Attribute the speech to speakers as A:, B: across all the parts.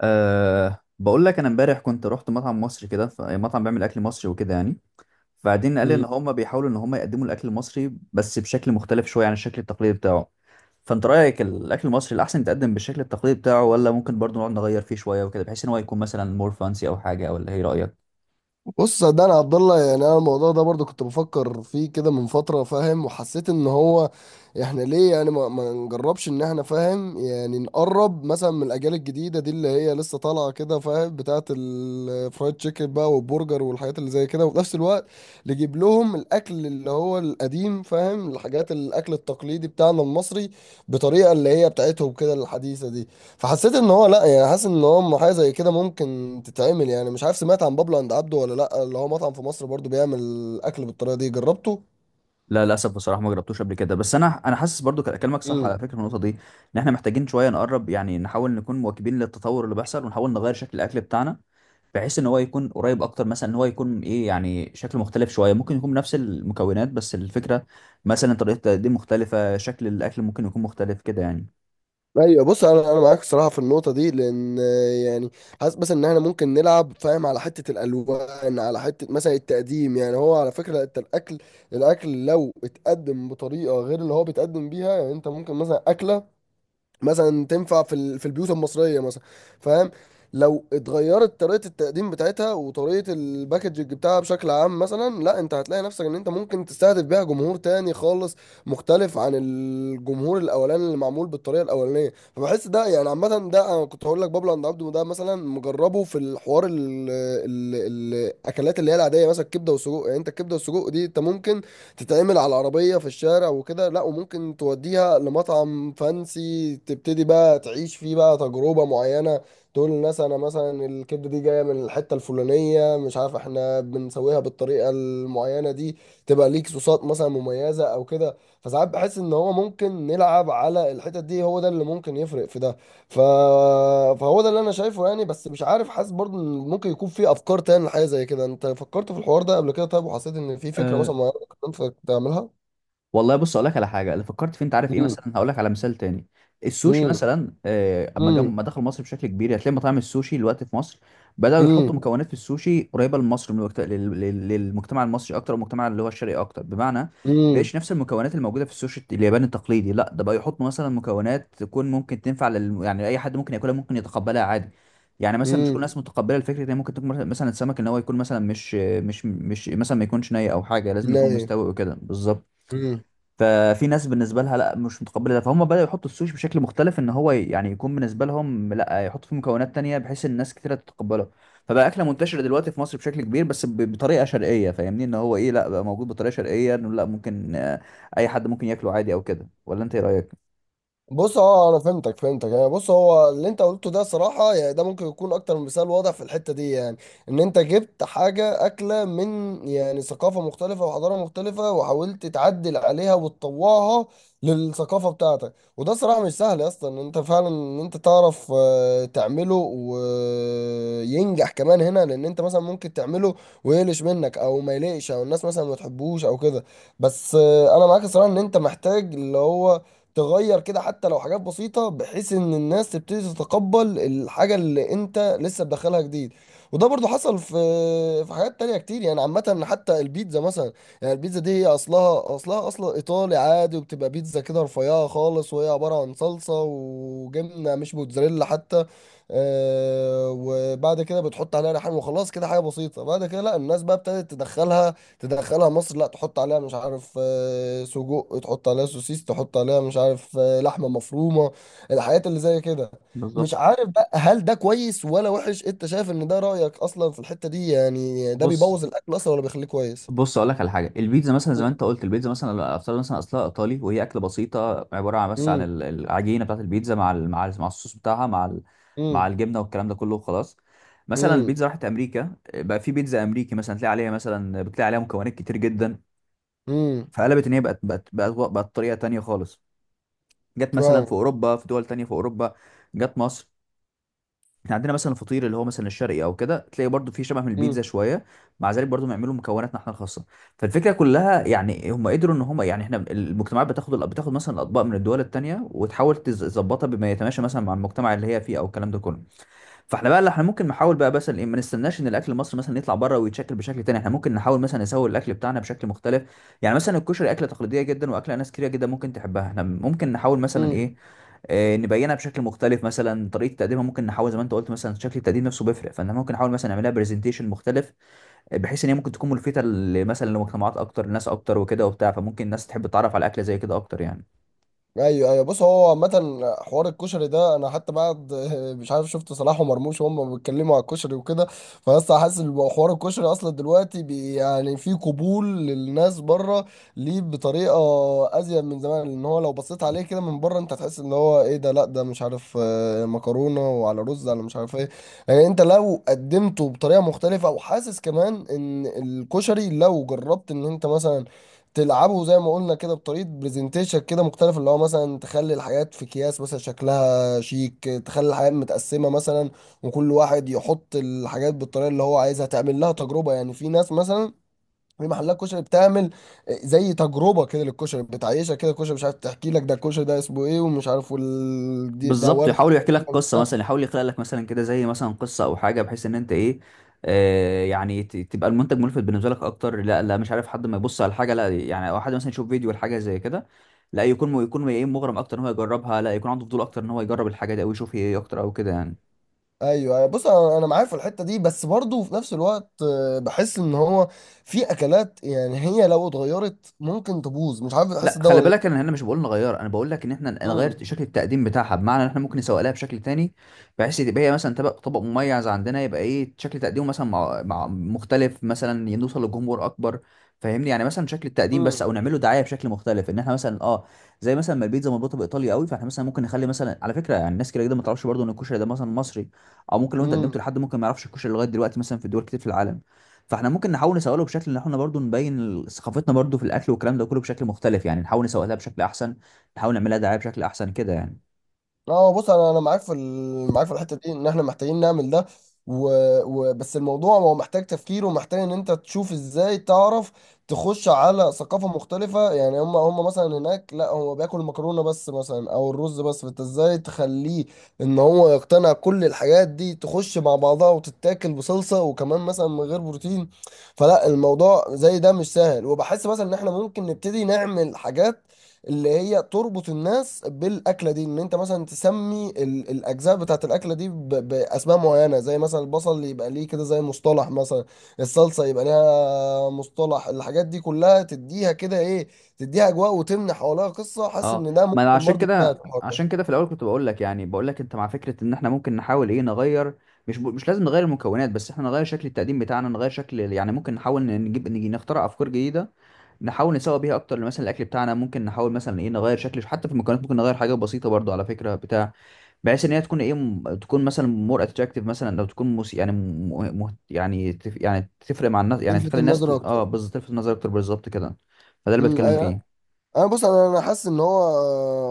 A: بقول لك انا امبارح كنت رحت مطعم مصري كده مطعم بيعمل اكل مصري وكده يعني. فبعدين قال لي ان
B: مم.
A: هم بيحاولوا ان هم يقدموا الاكل المصري بس بشكل مختلف شويه عن الشكل التقليدي بتاعه. فانت رايك الاكل المصري الاحسن يتقدم بالشكل التقليدي بتاعه، ولا ممكن برضه نقعد نغير فيه شويه وكده بحيث ان هو يكون مثلا مور فانسي او حاجه، ولا ايه رايك؟
B: بص، صدقني يا عبد الله، يعني انا الموضوع ده برضو كنت بفكر فيه كده من فتره، فاهم؟ وحسيت ان هو احنا ليه يعني ما نجربش ان احنا، فاهم، يعني نقرب مثلا من الاجيال الجديده دي اللي هي لسه طالعه كده، فاهم، بتاعه الفرايد تشيكن بقى والبرجر والحاجات اللي زي كده، وفي نفس الوقت نجيب لهم الاكل اللي هو القديم، فاهم الحاجات، الاكل التقليدي بتاعنا المصري، بطريقه اللي هي بتاعتهم كده الحديثه دي. فحسيت ان هو، لا، يعني حاسس ان هو حاجه زي كده ممكن تتعمل. يعني مش عارف، سمعت عن بابلو عند عبده ولا لا؟ اللي هو مطعم في مصر برضو بيعمل اكل بالطريقه دي، جربته؟
A: لا للاسف بصراحه ما جربتوش قبل كده، بس انا حاسس برضو كلامك صح
B: امم.
A: على فكره في النقطه دي. ان احنا محتاجين شويه نقرب، يعني نحاول نكون مواكبين للتطور اللي بيحصل ونحاول نغير شكل الاكل بتاعنا بحيث ان هو يكون قريب اكتر، مثلا ان هو يكون ايه، يعني شكل مختلف شويه، ممكن يكون نفس المكونات بس الفكره مثلا طريقه التقديم مختلفه، شكل الاكل ممكن يكون مختلف كده يعني.
B: ايوه، بص، انا معاك الصراحه في النقطه دي، لان يعني حاسس، بس ان احنا ممكن نلعب، فاهم، على حته الالوان، على حته مثلا التقديم. يعني هو على فكره انت، الاكل لو اتقدم بطريقه غير اللي هو بيتقدم بيها، يعني انت ممكن مثلا اكله مثلا تنفع في في البيوت المصريه مثلا، فاهم؟ لو اتغيرت طريقه التقديم بتاعتها وطريقه الباكجنج بتاعها بشكل عام، مثلا لا، انت هتلاقي نفسك ان انت ممكن تستهدف بيها جمهور تاني خالص، مختلف عن الجمهور الاولاني اللي معمول بالطريقه الاولانيه. فبحس ده يعني عامه. ده انا كنت هقول لك، بابلو عند عبده ده مثلا مجربه. في الحوار ال- الاكلات اللي هي العاديه، مثلا الكبده والسجق. يعني انت الكبده والسجق دي انت ممكن تتعمل على العربية في الشارع وكده، لا، وممكن توديها لمطعم فانسي، تبتدي بقى تعيش فيه بقى تجربة معينة، تقول للناس انا مثلا الكبدة دي جاية من الحتة الفلانية، مش عارف، احنا بنسويها بالطريقة المعينة دي، تبقى ليك صوصات مثلا مميزة او كده. فساعات بحس ان هو ممكن نلعب على الحتت دي، هو ده اللي ممكن يفرق في ده. ف... فهو ده اللي انا شايفه، يعني. بس مش عارف، حاسس برضه ان ممكن يكون في افكار تاني لحاجه زي كده. انت فكرت في الحوار ده قبل كده؟ طيب وحسيت ان في فكره مثلا انت تعملها؟
A: والله بص اقول لك على حاجه اللي فكرت فيه، انت عارف ايه؟
B: امم.
A: مثلا هقول لك على مثال تاني. السوشي
B: امم.
A: مثلا، اما
B: امم.
A: ما دخل مصر بشكل كبير، يعني هتلاقي مطاعم السوشي دلوقتي في مصر بداوا
B: امم.
A: يحطوا مكونات في السوشي قريبه لمصر، من الوقت... لل... لل- للمجتمع المصري اكتر والمجتمع اللي هو الشرقي اكتر. بمعنى
B: امم.
A: بقيش نفس المكونات الموجوده في السوشي الياباني التقليدي. لا ده بقى يحطوا مثلا مكونات تكون ممكن تنفع يعني اي حد ممكن ياكلها، ممكن يتقبلها عادي. يعني مثلا مش كل
B: امم.
A: الناس متقبله الفكره ان ممكن تكون مثلا السمك ان هو يكون مثلا مش مثلا، ما يكونش ني او حاجه، لازم يكون
B: نايم.
A: مستوي وكده بالظبط. ففي ناس بالنسبه لها لا مش متقبله ده، فهم بداوا يحطوا السوشي بشكل مختلف ان هو يعني يكون بالنسبه لهم، لا يحطوا فيه مكونات تانية بحيث الناس كتيره تتقبله. فبقى اكله منتشره دلوقتي في مصر بشكل كبير، بس بطريقه شرقيه. فاهمني ان هو ايه؟ لا، بقى موجود بطريقه شرقيه، انه لا ممكن اي حد ممكن ياكله عادي او كده، ولا انت ايه رايك؟
B: بص، اه، انا فهمتك فهمتك يعني. بص، هو اللي انت قلته ده صراحة يعني ده ممكن يكون اكتر من مثال واضح في الحتة دي، يعني ان انت جبت حاجة اكلة من يعني ثقافة مختلفة وحضارة مختلفة، وحاولت تعدل عليها وتطوعها للثقافة بتاعتك. وده صراحة مش سهل يا اسطى، ان انت فعلا ان انت تعرف تعمله وينجح كمان هنا. لان انت مثلا ممكن تعمله ويقلش منك او ما يليقش او الناس مثلا ما تحبوش او كده. بس انا معاك الصراحة، ان انت محتاج اللي هو تغير كده حتى لو حاجات بسيطة بحيث ان الناس تبتدي تتقبل الحاجة اللي انت لسه مدخلها جديد. وده برضو حصل في في حاجات تانية كتير. يعني عامة حتى البيتزا مثلا. يعني البيتزا دي هي اصلها اصلا ايطالي عادي، وبتبقى بيتزا كده رفيعة خالص وهي عبارة عن صلصة وجبنة مش موتزاريلا حتى، وبعد كده بتحط عليها ريحان وخلاص كده حاجة بسيطة. بعد كده لا، الناس بقى ابتدت تدخلها مصر، لا تحط عليها مش عارف سجق، تحط عليها سوسيس، تحط عليها مش عارف لحمة مفرومة، الحاجات اللي زي كده. مش
A: بالظبط.
B: عارف بقى، هل ده كويس ولا وحش؟ انت شايف ان ده، رأيك اصلا في الحتة دي، يعني ده
A: بص
B: بيبوظ الاكل اصلا ولا بيخليه كويس؟
A: بص اقول لك على حاجه. البيتزا مثلا زي ما انت قلت، البيتزا مثلا افترض مثلا اصلها ايطالي، وهي اكله بسيطه عباره عن بس عن
B: امم.
A: العجينه بتاعت البيتزا مع مع الصوص بتاعها، مع مع
B: امم.
A: الجبنه والكلام ده كله وخلاص. مثلا
B: امم.
A: البيتزا راحت امريكا، بقى في بيتزا امريكي مثلا تلاقي عليها مثلا، بتلاقي عليها مكونات كتير جدا،
B: امم.
A: فقلبت ان هي بقت طريقه تانيه خالص. جت مثلا في اوروبا، في دول تانيه في اوروبا، جت مصر. احنا عندنا مثلا الفطير اللي هو مثلا الشرقي او كده، تلاقي برضو فيه شبه من
B: فاهم.
A: البيتزا شويه. مع ذلك برضو بيعملوا مكوناتنا احنا الخاصه. فالفكره كلها يعني هم قدروا ان هم، يعني احنا المجتمعات بتاخد مثلا الاطباق من الدول التانيه وتحاول تظبطها بما يتماشى مثلا مع المجتمع اللي هي فيه او الكلام ده كله. فاحنا بقى اللي احنا ممكن نحاول بقى، بس ما نستناش ان الاكل المصري مثلا يطلع بره ويتشكل بشكل تاني. احنا ممكن نحاول مثلا نسوي الاكل بتاعنا بشكل مختلف. يعني مثلا الكشري اكله تقليديه جدا، واكله ناس كتير جدا ممكن تحبها، احنا ممكن نحاول مثلا ايه، نبينها بشكل مختلف. مثلا طريقه تقديمها ممكن نحاول زي ما انت قلت، مثلا شكل التقديم نفسه بيفرق، فاحنا ممكن نحاول مثلا نعملها برزنتيشن مختلف، بحيث ان هي ممكن تكون ملفته مثلا لمجتمعات اكتر، لناس اكتر وكده وبتاع. فممكن الناس تحب تتعرف على اكله زي كده اكتر يعني.
B: ايوه ايوه، بص، هو عامة حوار الكشري ده انا حتى بعد مش عارف، شفت صلاح ومرموش وهم بيتكلموا على الكشري وكده. فلسه حاسس ان حوار الكشري اصلا دلوقتي بي، يعني، في قبول للناس بره ليه بطريقه ازيد من زمان، لان هو لو بصيت عليه كده من بره انت هتحس ان هو ايه ده، لا ده مش عارف مكرونه وعلى رز على مش عارف ايه. يعني انت لو قدمته بطريقه مختلفه، وحاسس كمان ان الكشري لو جربت ان انت مثلا تلعبه زي ما قلنا كده بطريقه برزنتيشن كده مختلف، اللي هو مثلا تخلي الحاجات في اكياس مثلا شكلها شيك، تخلي الحاجات متقسمه مثلا، وكل واحد يحط الحاجات بالطريقه اللي هو عايزها، تعمل لها تجربه. يعني في ناس مثلا، في محلات كشري بتعمل زي تجربه كده للكشري بتعيشها كده، الكشري مش عارف تحكي لك ده الكشري ده اسمه ايه ومش عارف، ده
A: بالظبط،
B: ورد
A: يحاول يحكي لك
B: تقريبا.
A: قصه، مثلا يحاول يخلق لك مثلا كده زي مثلا قصه او حاجه بحيث ان انت ايه، آه يعني تبقى المنتج ملفت بالنسبه لك اكتر. لا لا، مش عارف، حد ما يبص على حاجه لا يعني، او حد مثلا يشوف فيديو لحاجه زي كده، لا يكون يكون ايه، مغرم اكتر ان هو يجربها، لا يكون عنده فضول اكتر ان هو يجرب الحاجه دي، او يشوف هي ايه اكتر او كده يعني.
B: ايوه أيوة. بص، انا معاك في الحته دي، بس برضه في نفس الوقت بحس ان هو في اكلات يعني هي لو اتغيرت ممكن تبوظ، مش عارف
A: لا
B: بتحس ده
A: خلي
B: ولا
A: بالك،
B: لا.
A: انا هنا مش بقول نغير، انا بقول لك ان احنا نغير
B: امم.
A: شكل التقديم بتاعها. بمعنى ان احنا ممكن نسوق لها بشكل تاني، بحيث تبقى هي مثلا طبق مميز عندنا، يبقى ايه شكل تقديمه مثلا مع مختلف، مثلا نوصل لجمهور اكبر. فاهمني؟ يعني مثلا شكل التقديم بس، او نعمله دعايه بشكل مختلف، ان احنا مثلا اه زي مثلا ما البيتزا مربوطه بايطاليا قوي، فاحنا مثلا ممكن نخلي مثلا على فكره، يعني الناس كده كده ما تعرفش برضه ان الكشري ده مثلا مصري، او ممكن لو انت قدمته
B: امم.
A: لحد ممكن ما يعرفش الكشري لغايه دلوقتي مثلا في دول كتير في العالم. فاحنا ممكن نحاول نسوقله بشكل ان احنا برضو نبين ثقافتنا برضو في الاكل والكلام ده كله بشكل مختلف. يعني نحاول نسوقها بشكل احسن، نحاول نعملها دعايه بشكل احسن كده يعني.
B: اه، بص، انا معاك في الحته دي، ان احنا محتاجين نعمل ده. و... بس الموضوع هو محتاج تفكير، ومحتاج ان انت تشوف ازاي، تعرف تخش على ثقافه مختلفه. يعني هم مثلا هناك لا، هو بياكل المكرونه بس مثلا او الرز بس، فانت ازاي تخليه ان هو يقتنع كل الحاجات دي تخش مع بعضها وتتاكل بصلصه، وكمان مثلا من غير بروتين. فلا، الموضوع زي ده مش سهل. وبحس مثلا ان احنا ممكن نبتدي نعمل حاجات اللي هي تربط الناس بالاكله دي. ان انت مثلا تسمي الاجزاء بتاعت الاكله دي باسماء معينه، زي مثلا البصل يبقى ليه كده زي مصطلح، مثلا الصلصه يبقى ليها مصطلح، الحاجات دي كلها تديها كده ايه، تديها اجواء وتمنح حواليها قصه. حاسس
A: اه
B: ان ده
A: ما انا
B: ممكن
A: عشان
B: برضه يساعد
A: كده،
B: في الحوار ده،
A: عشان كده في الاول كنت بقول لك، يعني بقول لك انت مع فكره ان احنا ممكن نحاول ايه نغير. مش لازم نغير المكونات بس، احنا نغير شكل التقديم بتاعنا، نغير شكل يعني. ممكن نحاول ن- نجيب نجي نخترع افكار جديده نحاول نسوق بيها اكتر مثلا الاكل بتاعنا. ممكن نحاول مثلا ايه نغير شكل، حتى في المكونات ممكن نغير حاجه بسيطه برضو على فكره بتاع، بحيث ان هي تكون ايه تكون مثلا مور اتراكتيف. مثلا لو تكون موسي يعني يعني يعني تفرق مع الناس، يعني
B: يلفت
A: تخلي الناس
B: النظر
A: اه
B: اكتر.
A: بالظبط، تلفت النظر اكتر بالظبط كده. فده اللي
B: امم.
A: بتكلم فيه.
B: انا، بص، انا حاسس ان هو،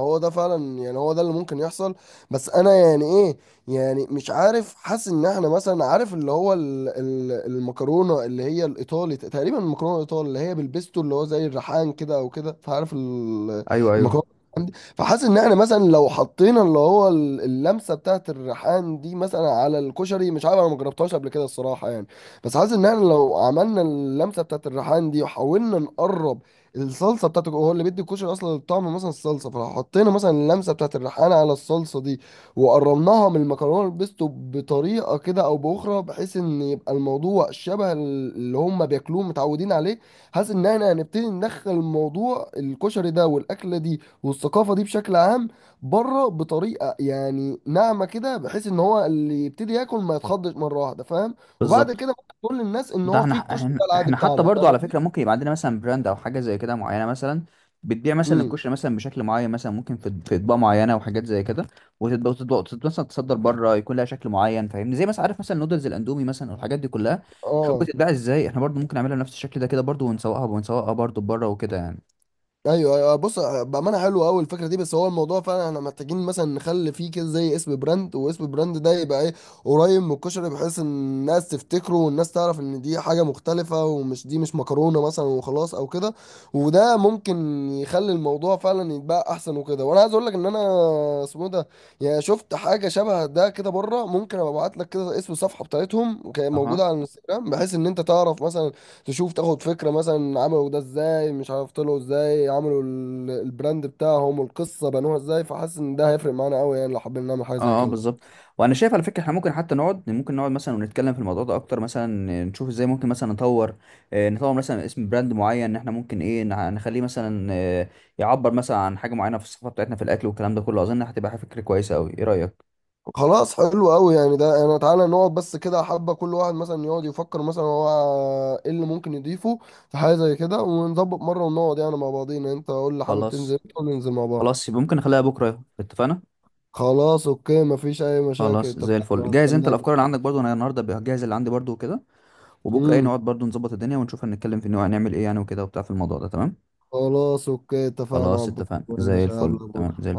B: هو ده فعلا يعني، هو ده اللي ممكن يحصل. بس انا يعني ايه، يعني مش عارف، حاسس ان احنا مثلا، عارف اللي هو المكرونه اللي هي الايطالي تقريبا، المكرونه الايطالي اللي هي بالبيستو، اللي هو زي الريحان كده او كده، فعارف
A: ايوه ايوه
B: المكرونه عندي. فحاسس ان احنا مثلا لو حطينا اللي هو اللمسه بتاعت الريحان دي مثلا على الكشري، مش عارف انا ما جربتهاش قبل كده الصراحه يعني. بس حاسس ان احنا لو عملنا اللمسه بتاعت الريحان دي، وحاولنا نقرب الصلصه بتاعته، هو اللي بيدي الكشري اصلا الطعم، مثلا الصلصه، فلو حطينا مثلا اللمسه بتاعت الريحانه على الصلصه دي، وقربناها من المكرونه البيستو بطريقه كده او باخرى، بحيث ان يبقى الموضوع شبه اللي هم بياكلوه متعودين عليه. حاسس ان احنا هنبتدي ندخل الموضوع، الكشري ده والاكله دي والثقافه دي بشكل عام بره، بطريقه يعني ناعمه كده، بحيث ان هو اللي يبتدي ياكل ما يتخضش مره واحده، فاهم؟ وبعد
A: بالظبط.
B: كده ممكن تقول للناس ان
A: ده
B: هو
A: احنا
B: في الكشري
A: احنا
B: ده العادي
A: احنا حتى
B: بتاعنا.
A: برضو
B: فاهم
A: على
B: قصدي؟
A: فكره ممكن يبقى عندنا مثلا براند او حاجه زي كده معينه، مثلا بتبيع مثلا
B: امم.
A: الكشري مثلا بشكل معين، مثلا ممكن في اطباق معينه وحاجات زي كده. وتبقى مثلا تصدر بره، يكون لها شكل معين. فاهمني؟ زي مثلا عارف مثلا نودلز الاندومي مثلا والحاجات دي كلها، شوف
B: اه.
A: بتتباع ازاي. احنا برضو ممكن نعملها بنفس الشكل ده كده برضو، ونسوقها ونسوقها برضو بره وكده يعني.
B: ايوه ايوه، بص، بامانه حلوه قوي الفكره دي. بس هو الموضوع فعلا احنا محتاجين مثلا نخلي فيه كده زي اسم براند، واسم براند ده يبقى ايه، قريب من الكشري، بحيث ان الناس تفتكره والناس تعرف ان دي حاجه مختلفه، ومش دي مش مكرونه مثلا وخلاص او كده. وده ممكن يخلي الموضوع فعلا يتباع احسن وكده. وانا عايز اقول لك ان انا، اسمه إيه ده، يعني شفت حاجه شبه ده كده بره، ممكن ابقى ابعت لك كده اسم الصفحه بتاعتهم، وكانت
A: اها
B: موجوده على الانستجرام، بحيث ان انت تعرف مثلا، تشوف، تاخد فكرة مثلا عملوا ده ازاي، مش عارف طلعوا ازاي، عملوا البراند بتاعهم والقصة بنوها ازاي. فحاسس ان ده هيفرق معانا قوي يعني لو حابين نعمل حاجة زي
A: اه اه
B: كده.
A: بالظبط. وانا شايف على فكره احنا ممكن حتى نقعد، ممكن نقعد مثلا ونتكلم في الموضوع ده اكتر، مثلا نشوف ازاي ممكن مثلا نطور، نطور مثلا اسم براند معين، ان احنا ممكن ايه نخليه مثلا يعبر مثلا عن حاجه معينه في الثقافه بتاعتنا في الاكل والكلام ده كله. اظن هتبقى فكره كويسه قوي، ايه رايك؟
B: خلاص، حلو قوي، يعني ده انا، تعالى نقعد بس كده حبة، كل واحد مثلا يقعد يفكر مثلا هو ايه اللي ممكن يضيفه في حاجة زي كده، ونظبط مرة ونقعد يعني مع بعضينا. انت قول لي، حابب تنزل،
A: خلاص.
B: وننزل مع بعض.
A: خلاص يبقى ممكن نخليها بكره، اتفقنا.
B: خلاص. اوكي، مفيش اي مشاكل،
A: خلاص زي
B: اتفقنا،
A: الفل جاهز. انت
B: هستناك.
A: الافكار اللي عندك برضو، انا النهارده بجهز اللي عندي برضو وكده، وبكره ايه
B: امم.
A: نقعد برضو نظبط الدنيا ونشوف هنتكلم في إنه هنعمل ايه يعني وكده وبتاع في الموضوع ده، تمام.
B: خلاص. اوكي، اتفقنا يا
A: خلاص
B: عبد
A: اتفقنا
B: الله.
A: زي
B: ماشي،
A: الفل،
B: هقابلك
A: تمام
B: بكرة.
A: زي